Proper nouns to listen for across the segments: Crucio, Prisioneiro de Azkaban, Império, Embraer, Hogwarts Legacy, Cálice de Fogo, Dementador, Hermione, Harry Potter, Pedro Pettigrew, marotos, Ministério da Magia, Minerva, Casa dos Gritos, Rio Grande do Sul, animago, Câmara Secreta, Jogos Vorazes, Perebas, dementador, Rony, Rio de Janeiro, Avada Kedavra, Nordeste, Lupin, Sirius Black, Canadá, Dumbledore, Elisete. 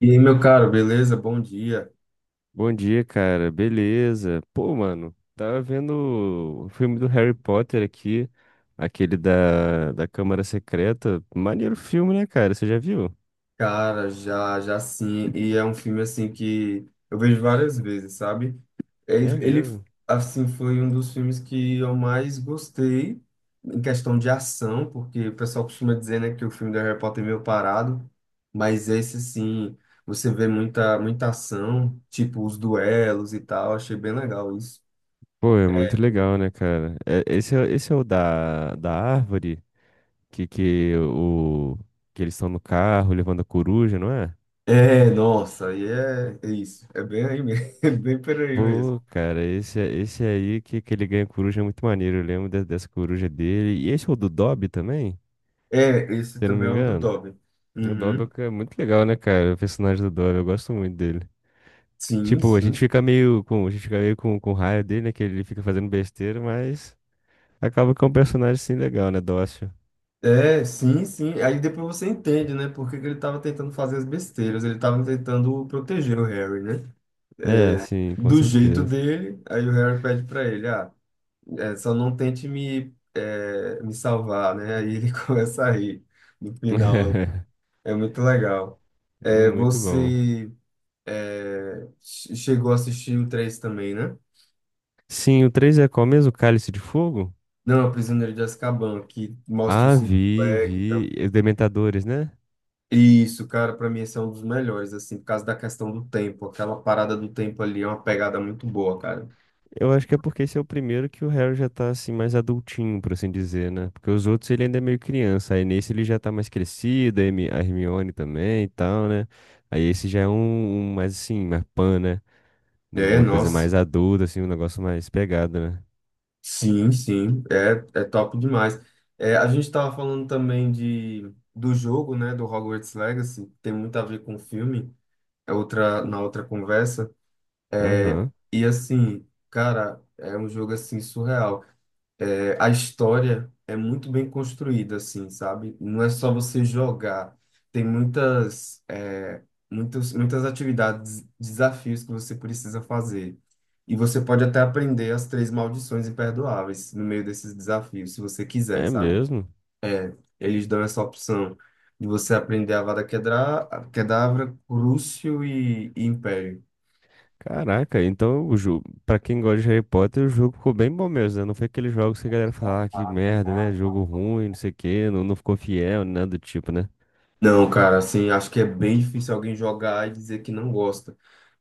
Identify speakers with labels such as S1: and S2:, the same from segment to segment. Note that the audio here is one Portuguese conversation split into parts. S1: E aí, meu caro, beleza? Bom dia.
S2: Bom dia, cara. Beleza. Pô, mano, tava vendo o filme do Harry Potter aqui, aquele da Câmara Secreta. Maneiro filme, né, cara? Você já viu?
S1: Cara, já sim. E é um filme, assim, que eu vejo várias vezes, sabe?
S2: É
S1: Ele, ele,
S2: mesmo.
S1: assim, foi um dos filmes que eu mais gostei em questão de ação, porque o pessoal costuma dizer, né, que o filme do Harry Potter é meio parado, mas esse, sim, você vê muita ação, tipo os duelos e tal. Achei bem legal isso.
S2: Pô, é muito legal, né, cara? Esse é o da árvore que, que, o, que eles estão no carro levando a coruja, não é?
S1: É, nossa, é isso. É bem aí mesmo. É bem por aí
S2: Pô,
S1: mesmo.
S2: cara, esse aí que ele ganha coruja é muito maneiro. Eu lembro dessa coruja dele. E esse é o do Dobby também,
S1: É, esse
S2: se eu não
S1: também
S2: me
S1: é o do
S2: engano.
S1: Dobby.
S2: O Dobby
S1: Uhum.
S2: é muito legal, né, cara? O personagem do Dobby, eu gosto muito dele.
S1: Sim,
S2: Tipo,
S1: sim.
S2: a gente fica meio com raio dele, né? Que ele fica fazendo besteira, mas acaba que é um personagem, sim, legal, né? Dócil.
S1: É, sim, sim. Aí depois você entende, né? Por que que ele estava tentando fazer as besteiras. Ele estava tentando proteger o Harry, né?
S2: É, sim, com
S1: Do jeito
S2: certeza.
S1: dele, aí o Harry pede para ele, ah, só não tente me, me salvar, né? Aí ele começa a rir no final. É muito legal.
S2: É
S1: É,
S2: muito bom.
S1: você chegou a assistir o 3 também, né?
S2: Sim, o 3 é qual mesmo? Cálice de Fogo?
S1: Não, é o Prisioneiro de Azkaban, que mostra o
S2: Ah,
S1: Sirius
S2: vi,
S1: Black.
S2: vi. E Os Dementadores, né?
S1: Isso, cara, pra mim esse é um dos melhores, assim, por causa da questão do tempo. Aquela parada do tempo ali é uma pegada muito boa, cara.
S2: Eu acho que é porque esse é o primeiro que o Harry já tá assim mais adultinho, por assim dizer, né? Porque os outros ele ainda é meio criança, aí nesse ele já tá mais crescido, a a Hermione também e tal, né? Aí esse já é um, um mais assim, mais pan, né?
S1: É,
S2: Uma coisa mais
S1: nossa.
S2: adulta, assim, um negócio mais pegado, né?
S1: Sim, sim, é top demais. É, a gente estava falando também do jogo, né, do Hogwarts Legacy, tem muito a ver com o filme, é outra, na outra conversa. É,
S2: Aham.
S1: e assim, cara, é um jogo assim surreal. É, a história é muito bem construída, assim, sabe? Não é só você jogar. Tem muitas, muitas atividades, desafios que você precisa fazer. E você pode até aprender as três maldições imperdoáveis no meio desses desafios, se você quiser,
S2: É
S1: sabe?
S2: mesmo?
S1: Eles dão essa opção de você aprender a Kedavra, Crucio e Império.
S2: Caraca, então o jogo, pra quem gosta de Harry Potter, o jogo ficou bem bom mesmo, né? Não foi aqueles jogos que a galera fala, ah, que merda, né? Jogo ruim, não sei o quê, não, não ficou fiel, nada do tipo, né?
S1: Não, cara, assim, acho que é bem difícil alguém jogar e dizer que não gosta.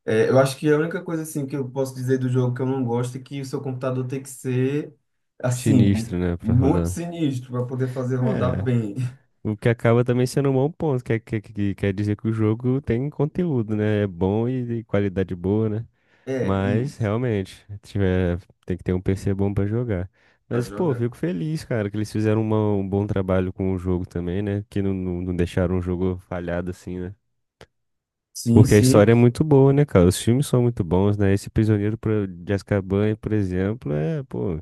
S1: É, eu acho que a única coisa, assim, que eu posso dizer do jogo que eu não gosto é que o seu computador tem que ser, assim,
S2: Sinistro, né, pra
S1: muito
S2: rodar.
S1: sinistro para poder fazer rodar
S2: É,
S1: bem.
S2: o que acaba também sendo um bom ponto, que quer dizer que o jogo tem conteúdo, né? É bom e de qualidade boa, né?
S1: É,
S2: Mas,
S1: isso,
S2: realmente, tiver, tem que ter um PC bom pra jogar.
S1: para
S2: Mas, pô,
S1: jogar.
S2: fico feliz, cara, que eles fizeram um bom trabalho com o jogo também, né? Que não deixaram o jogo falhado assim, né?
S1: Sim,
S2: Porque a
S1: sim.
S2: história é muito boa, né, cara? Os filmes são muito bons, né? Esse Prisioneiro de Azkaban, por exemplo, é, pô,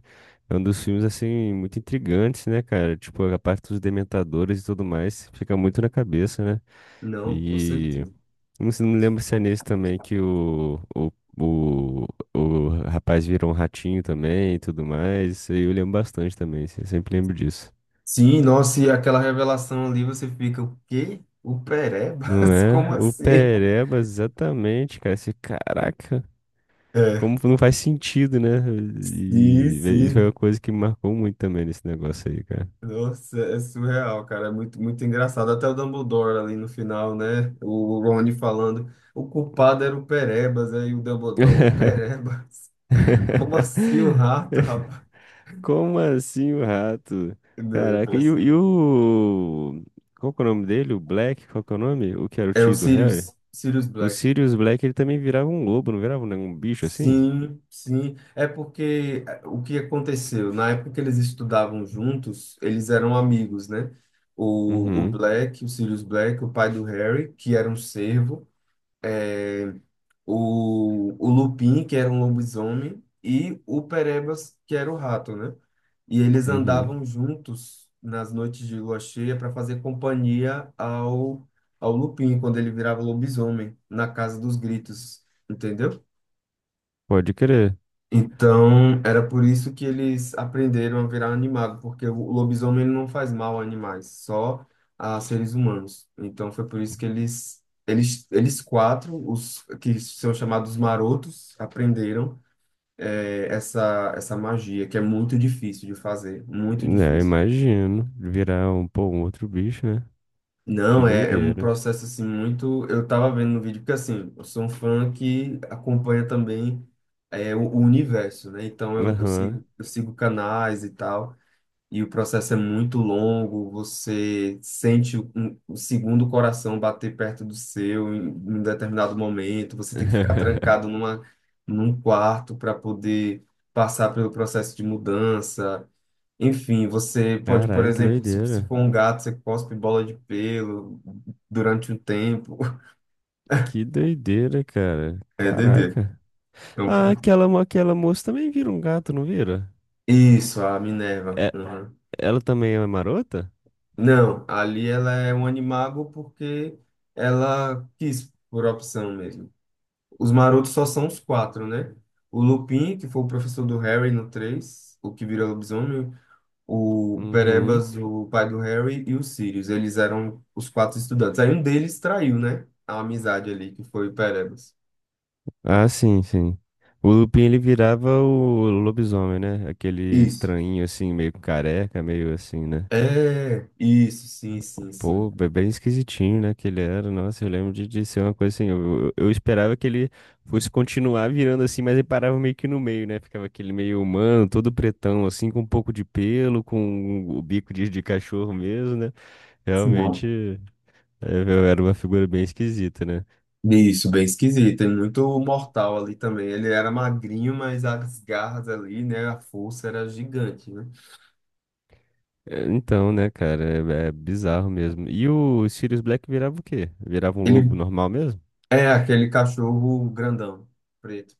S2: é um dos filmes, assim, muito intrigantes, né, cara? Tipo, a parte dos dementadores e tudo mais fica muito na cabeça, né?
S1: Não, com
S2: E
S1: certeza.
S2: não me lembro se é nesse também que o, o rapaz virou um ratinho também e tudo mais. Isso aí eu lembro bastante também, assim, eu sempre lembro disso.
S1: Sim, nossa, e aquela revelação ali, você fica, o quê? O
S2: Não
S1: Perebas?
S2: é?
S1: Como
S2: O
S1: assim?
S2: Perebas, exatamente, cara. Esse, caraca.
S1: É,
S2: Como não faz sentido, né?
S1: sim,
S2: E isso foi uma
S1: sim.
S2: coisa que me marcou muito também nesse negócio aí, cara.
S1: Nossa, é surreal, cara. É muito, muito engraçado. Até o Dumbledore ali no final, né? O Rony falando. O culpado era o Perebas, aí o Dumbledore. O Perebas? Como assim o rato, rapaz?
S2: Como assim o rato?
S1: Não, eu
S2: Caraca,
S1: preciso.
S2: qual que é o nome dele? O Black? Qual que é o nome? O que era o
S1: É o
S2: tio do Harry?
S1: Sirius, Sirius
S2: O
S1: Black.
S2: Sirius Black, ele também virava um lobo, não virava, né? Um bicho assim?
S1: Sim, sim. É porque o que aconteceu? Na época que eles estudavam juntos, eles eram amigos, né? O
S2: Uhum,
S1: Black, o Sirius Black, o pai do Harry, que era um cervo. O Lupin, que era um lobisomem, e o Perebas, que era o rato, né? E eles
S2: uhum.
S1: andavam juntos nas noites de lua cheia para fazer companhia ao, ao Lupin, quando ele virava lobisomem, na Casa dos Gritos, entendeu?
S2: Pode crer.
S1: Então, era por isso que eles aprenderam a virar animago, porque o lobisomem ele não faz mal a animais, só a seres humanos. Então, foi por isso que eles quatro, os que são chamados marotos, aprenderam essa magia, que é muito difícil de fazer, muito
S2: É,
S1: difícil.
S2: imagino. Virar um, pô, um outro bicho, né? Que
S1: Não, é um
S2: doideira.
S1: processo assim muito. Eu tava vendo no vídeo, porque assim, eu sou um fã que acompanha também o universo, né? Então
S2: Aham.
S1: eu sigo canais e tal. E o processo é muito longo, você sente o segundo coração bater perto do seu em um determinado momento, você tem que ficar trancado numa, num quarto para poder passar pelo processo de mudança. Enfim, você pode, por
S2: Carai, que
S1: exemplo, se você
S2: doideira.
S1: for um gato, você cospe bola de pelo durante um tempo.
S2: Que doideira, cara.
S1: É, Dedê.
S2: Caraca.
S1: Então,
S2: Ah, aquela moça também vira um gato, não vira?
S1: isso, a Minerva.
S2: É,
S1: Uhum.
S2: ela também é marota?
S1: Não, ali ela é um animago porque ela quis, por opção mesmo. Os marotos só são os quatro, né? O Lupin, que foi o professor do Harry no 3 o que vira lobisomem, o
S2: Uhum.
S1: Perebas, o pai do Harry, e o Sirius. Eles eram os quatro estudantes. Aí um deles traiu, né? A amizade ali, que foi o Perebas.
S2: Ah, sim, sim. O Lupin, ele virava o lobisomem, né? Aquele
S1: Isso.
S2: estranhinho, assim, meio careca, meio assim, né?
S1: É, isso, sim, sim, sim.
S2: Pô, bem esquisitinho, né, que ele era. Nossa, eu lembro de ser uma coisa assim. Eu esperava que ele fosse continuar virando assim, mas ele parava meio que no meio, né? Ficava aquele meio humano, todo pretão, assim, com um pouco de pelo, com o bico de cachorro mesmo, né?
S1: Sim.
S2: Realmente, é, eu era uma figura bem esquisita, né?
S1: Isso, bem esquisito. Tem muito mortal ali também. Ele era magrinho, mas as garras ali, né? A força era gigante, né?
S2: É, então, né, cara, é bizarro mesmo. E o Sirius Black virava o quê? Virava um lobo
S1: Ele
S2: normal mesmo?
S1: é aquele cachorro grandão preto.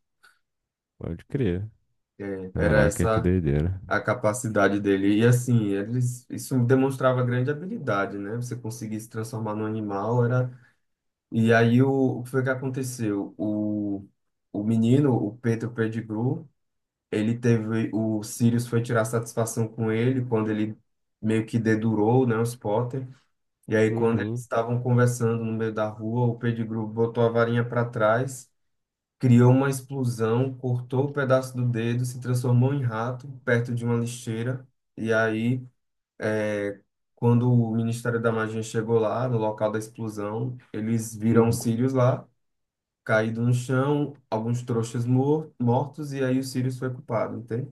S2: Pode crer.
S1: É, era
S2: Caraca, que
S1: essa
S2: doideira.
S1: a capacidade dele. E assim, eles, isso demonstrava grande habilidade, né? Você conseguir se transformar num animal era. E aí o que foi que aconteceu? O menino, o Pedro Pettigrew, ele teve. O Sirius foi tirar satisfação com ele quando ele meio que dedurou, né, os Potter. E aí, quando eles
S2: Uhum,
S1: estavam conversando no meio da rua, o Pettigrew botou a varinha para trás, criou uma explosão, cortou o pedaço do dedo, se transformou em rato perto de uma lixeira. E aí, quando o Ministério da Magia chegou lá, no local da explosão, eles viram o
S2: uhum.
S1: Sirius lá, caído no chão, alguns trouxas mortos, e aí o Sirius foi culpado, entende?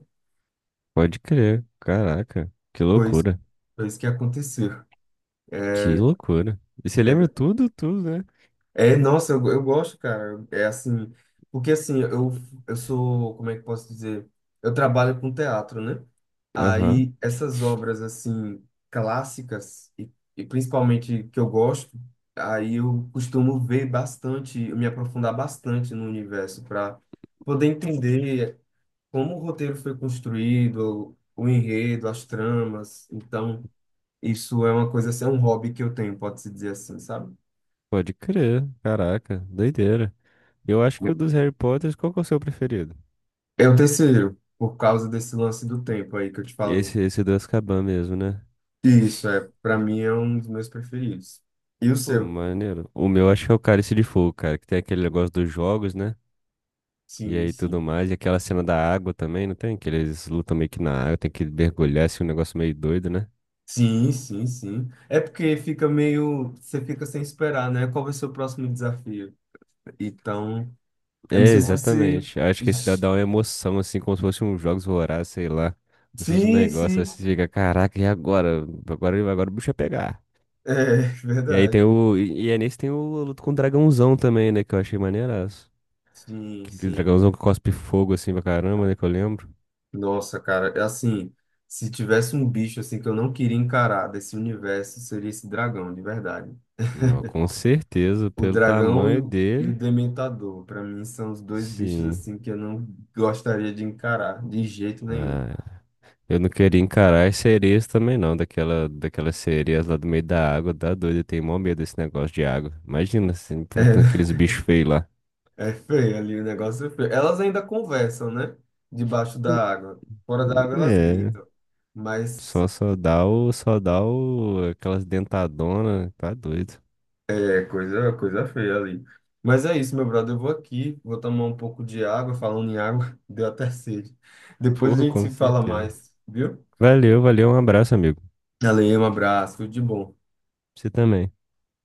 S2: Pode crer. Caraca, que
S1: Foi isso,
S2: loucura.
S1: foi isso que aconteceu.
S2: Que loucura. E você
S1: É,
S2: lembra tudo, tudo, né?
S1: é, nossa, eu gosto, cara. É assim, porque assim, eu sou, como é que eu posso dizer? Eu trabalho com teatro, né?
S2: Aham,
S1: Aí essas obras assim clássicas e, e principalmente que eu gosto, aí eu costumo ver bastante, me aprofundar bastante no universo para poder entender como o roteiro foi construído, o enredo, as tramas. Então, isso é uma coisa assim, é um hobby que eu tenho, pode-se dizer assim, sabe?
S2: pode crer. Caraca, doideira. Eu acho que o dos Harry Potters, qual que é o seu preferido?
S1: É o terceiro, por causa desse lance do tempo aí que eu te falei.
S2: Esse do Azkaban mesmo, né?
S1: Isso, é, para mim é um dos meus preferidos. E o
S2: Pô,
S1: seu?
S2: maneiro. O meu acho que é o Cálice de Fogo, cara, que tem aquele negócio dos jogos, né? E
S1: Sim,
S2: aí tudo
S1: sim.
S2: mais. E aquela cena da água também, não tem? Que eles lutam meio que na água, tem que mergulhar, assim, um negócio meio doido, né?
S1: Sim, sim, sim. É porque fica meio, você fica sem esperar, né? Qual vai ser o próximo desafio? Então, eu não
S2: É,
S1: sei se você...
S2: exatamente. Acho que esse dá uma emoção, assim, como se fosse um Jogos Vorazes, sei lá. Como se fosse um
S1: Sim,
S2: negócio, aí
S1: sim.
S2: você fica, caraca, e agora? Agora o bicho vai pegar.
S1: É verdade.
S2: E aí nesse tem o luto com o dragãozão também, né? Que eu achei maneiraço.
S1: Sim,
S2: Que- aquele
S1: sim.
S2: dragãozão que cospe fogo assim pra caramba, né? Que eu lembro.
S1: Nossa, cara, é assim, se tivesse um bicho assim que eu não queria encarar desse universo, seria esse dragão, de verdade.
S2: Não, com certeza,
S1: O
S2: pelo
S1: dragão
S2: tamanho
S1: e
S2: dele.
S1: o dementador, para mim, são os dois bichos
S2: Sim.
S1: assim que eu não gostaria de encarar de jeito nenhum.
S2: Ah, eu não queria encarar as sereias também, não. Daquelas sereias lá do meio da água. Dá doido, eu tenho mó medo desse negócio de água. Imagina, assim, enfrentando
S1: É,
S2: aqueles bichos feios lá.
S1: é feio ali, o negócio é feio. Elas ainda conversam, né? Debaixo
S2: Hum,
S1: da água. Fora da água elas
S2: É,
S1: gritam. Mas
S2: só dá o, aquelas dentadonas. Tá doido.
S1: é coisa, coisa feia ali. Mas é isso, meu brother. Eu vou aqui, vou tomar um pouco de água. Falando em água, deu até sede. Depois a
S2: Porra,
S1: gente
S2: com
S1: se fala
S2: certeza.
S1: mais, viu?
S2: Valeu, valeu, um abraço, amigo.
S1: Valeu, um abraço, tudo de bom.
S2: Você também.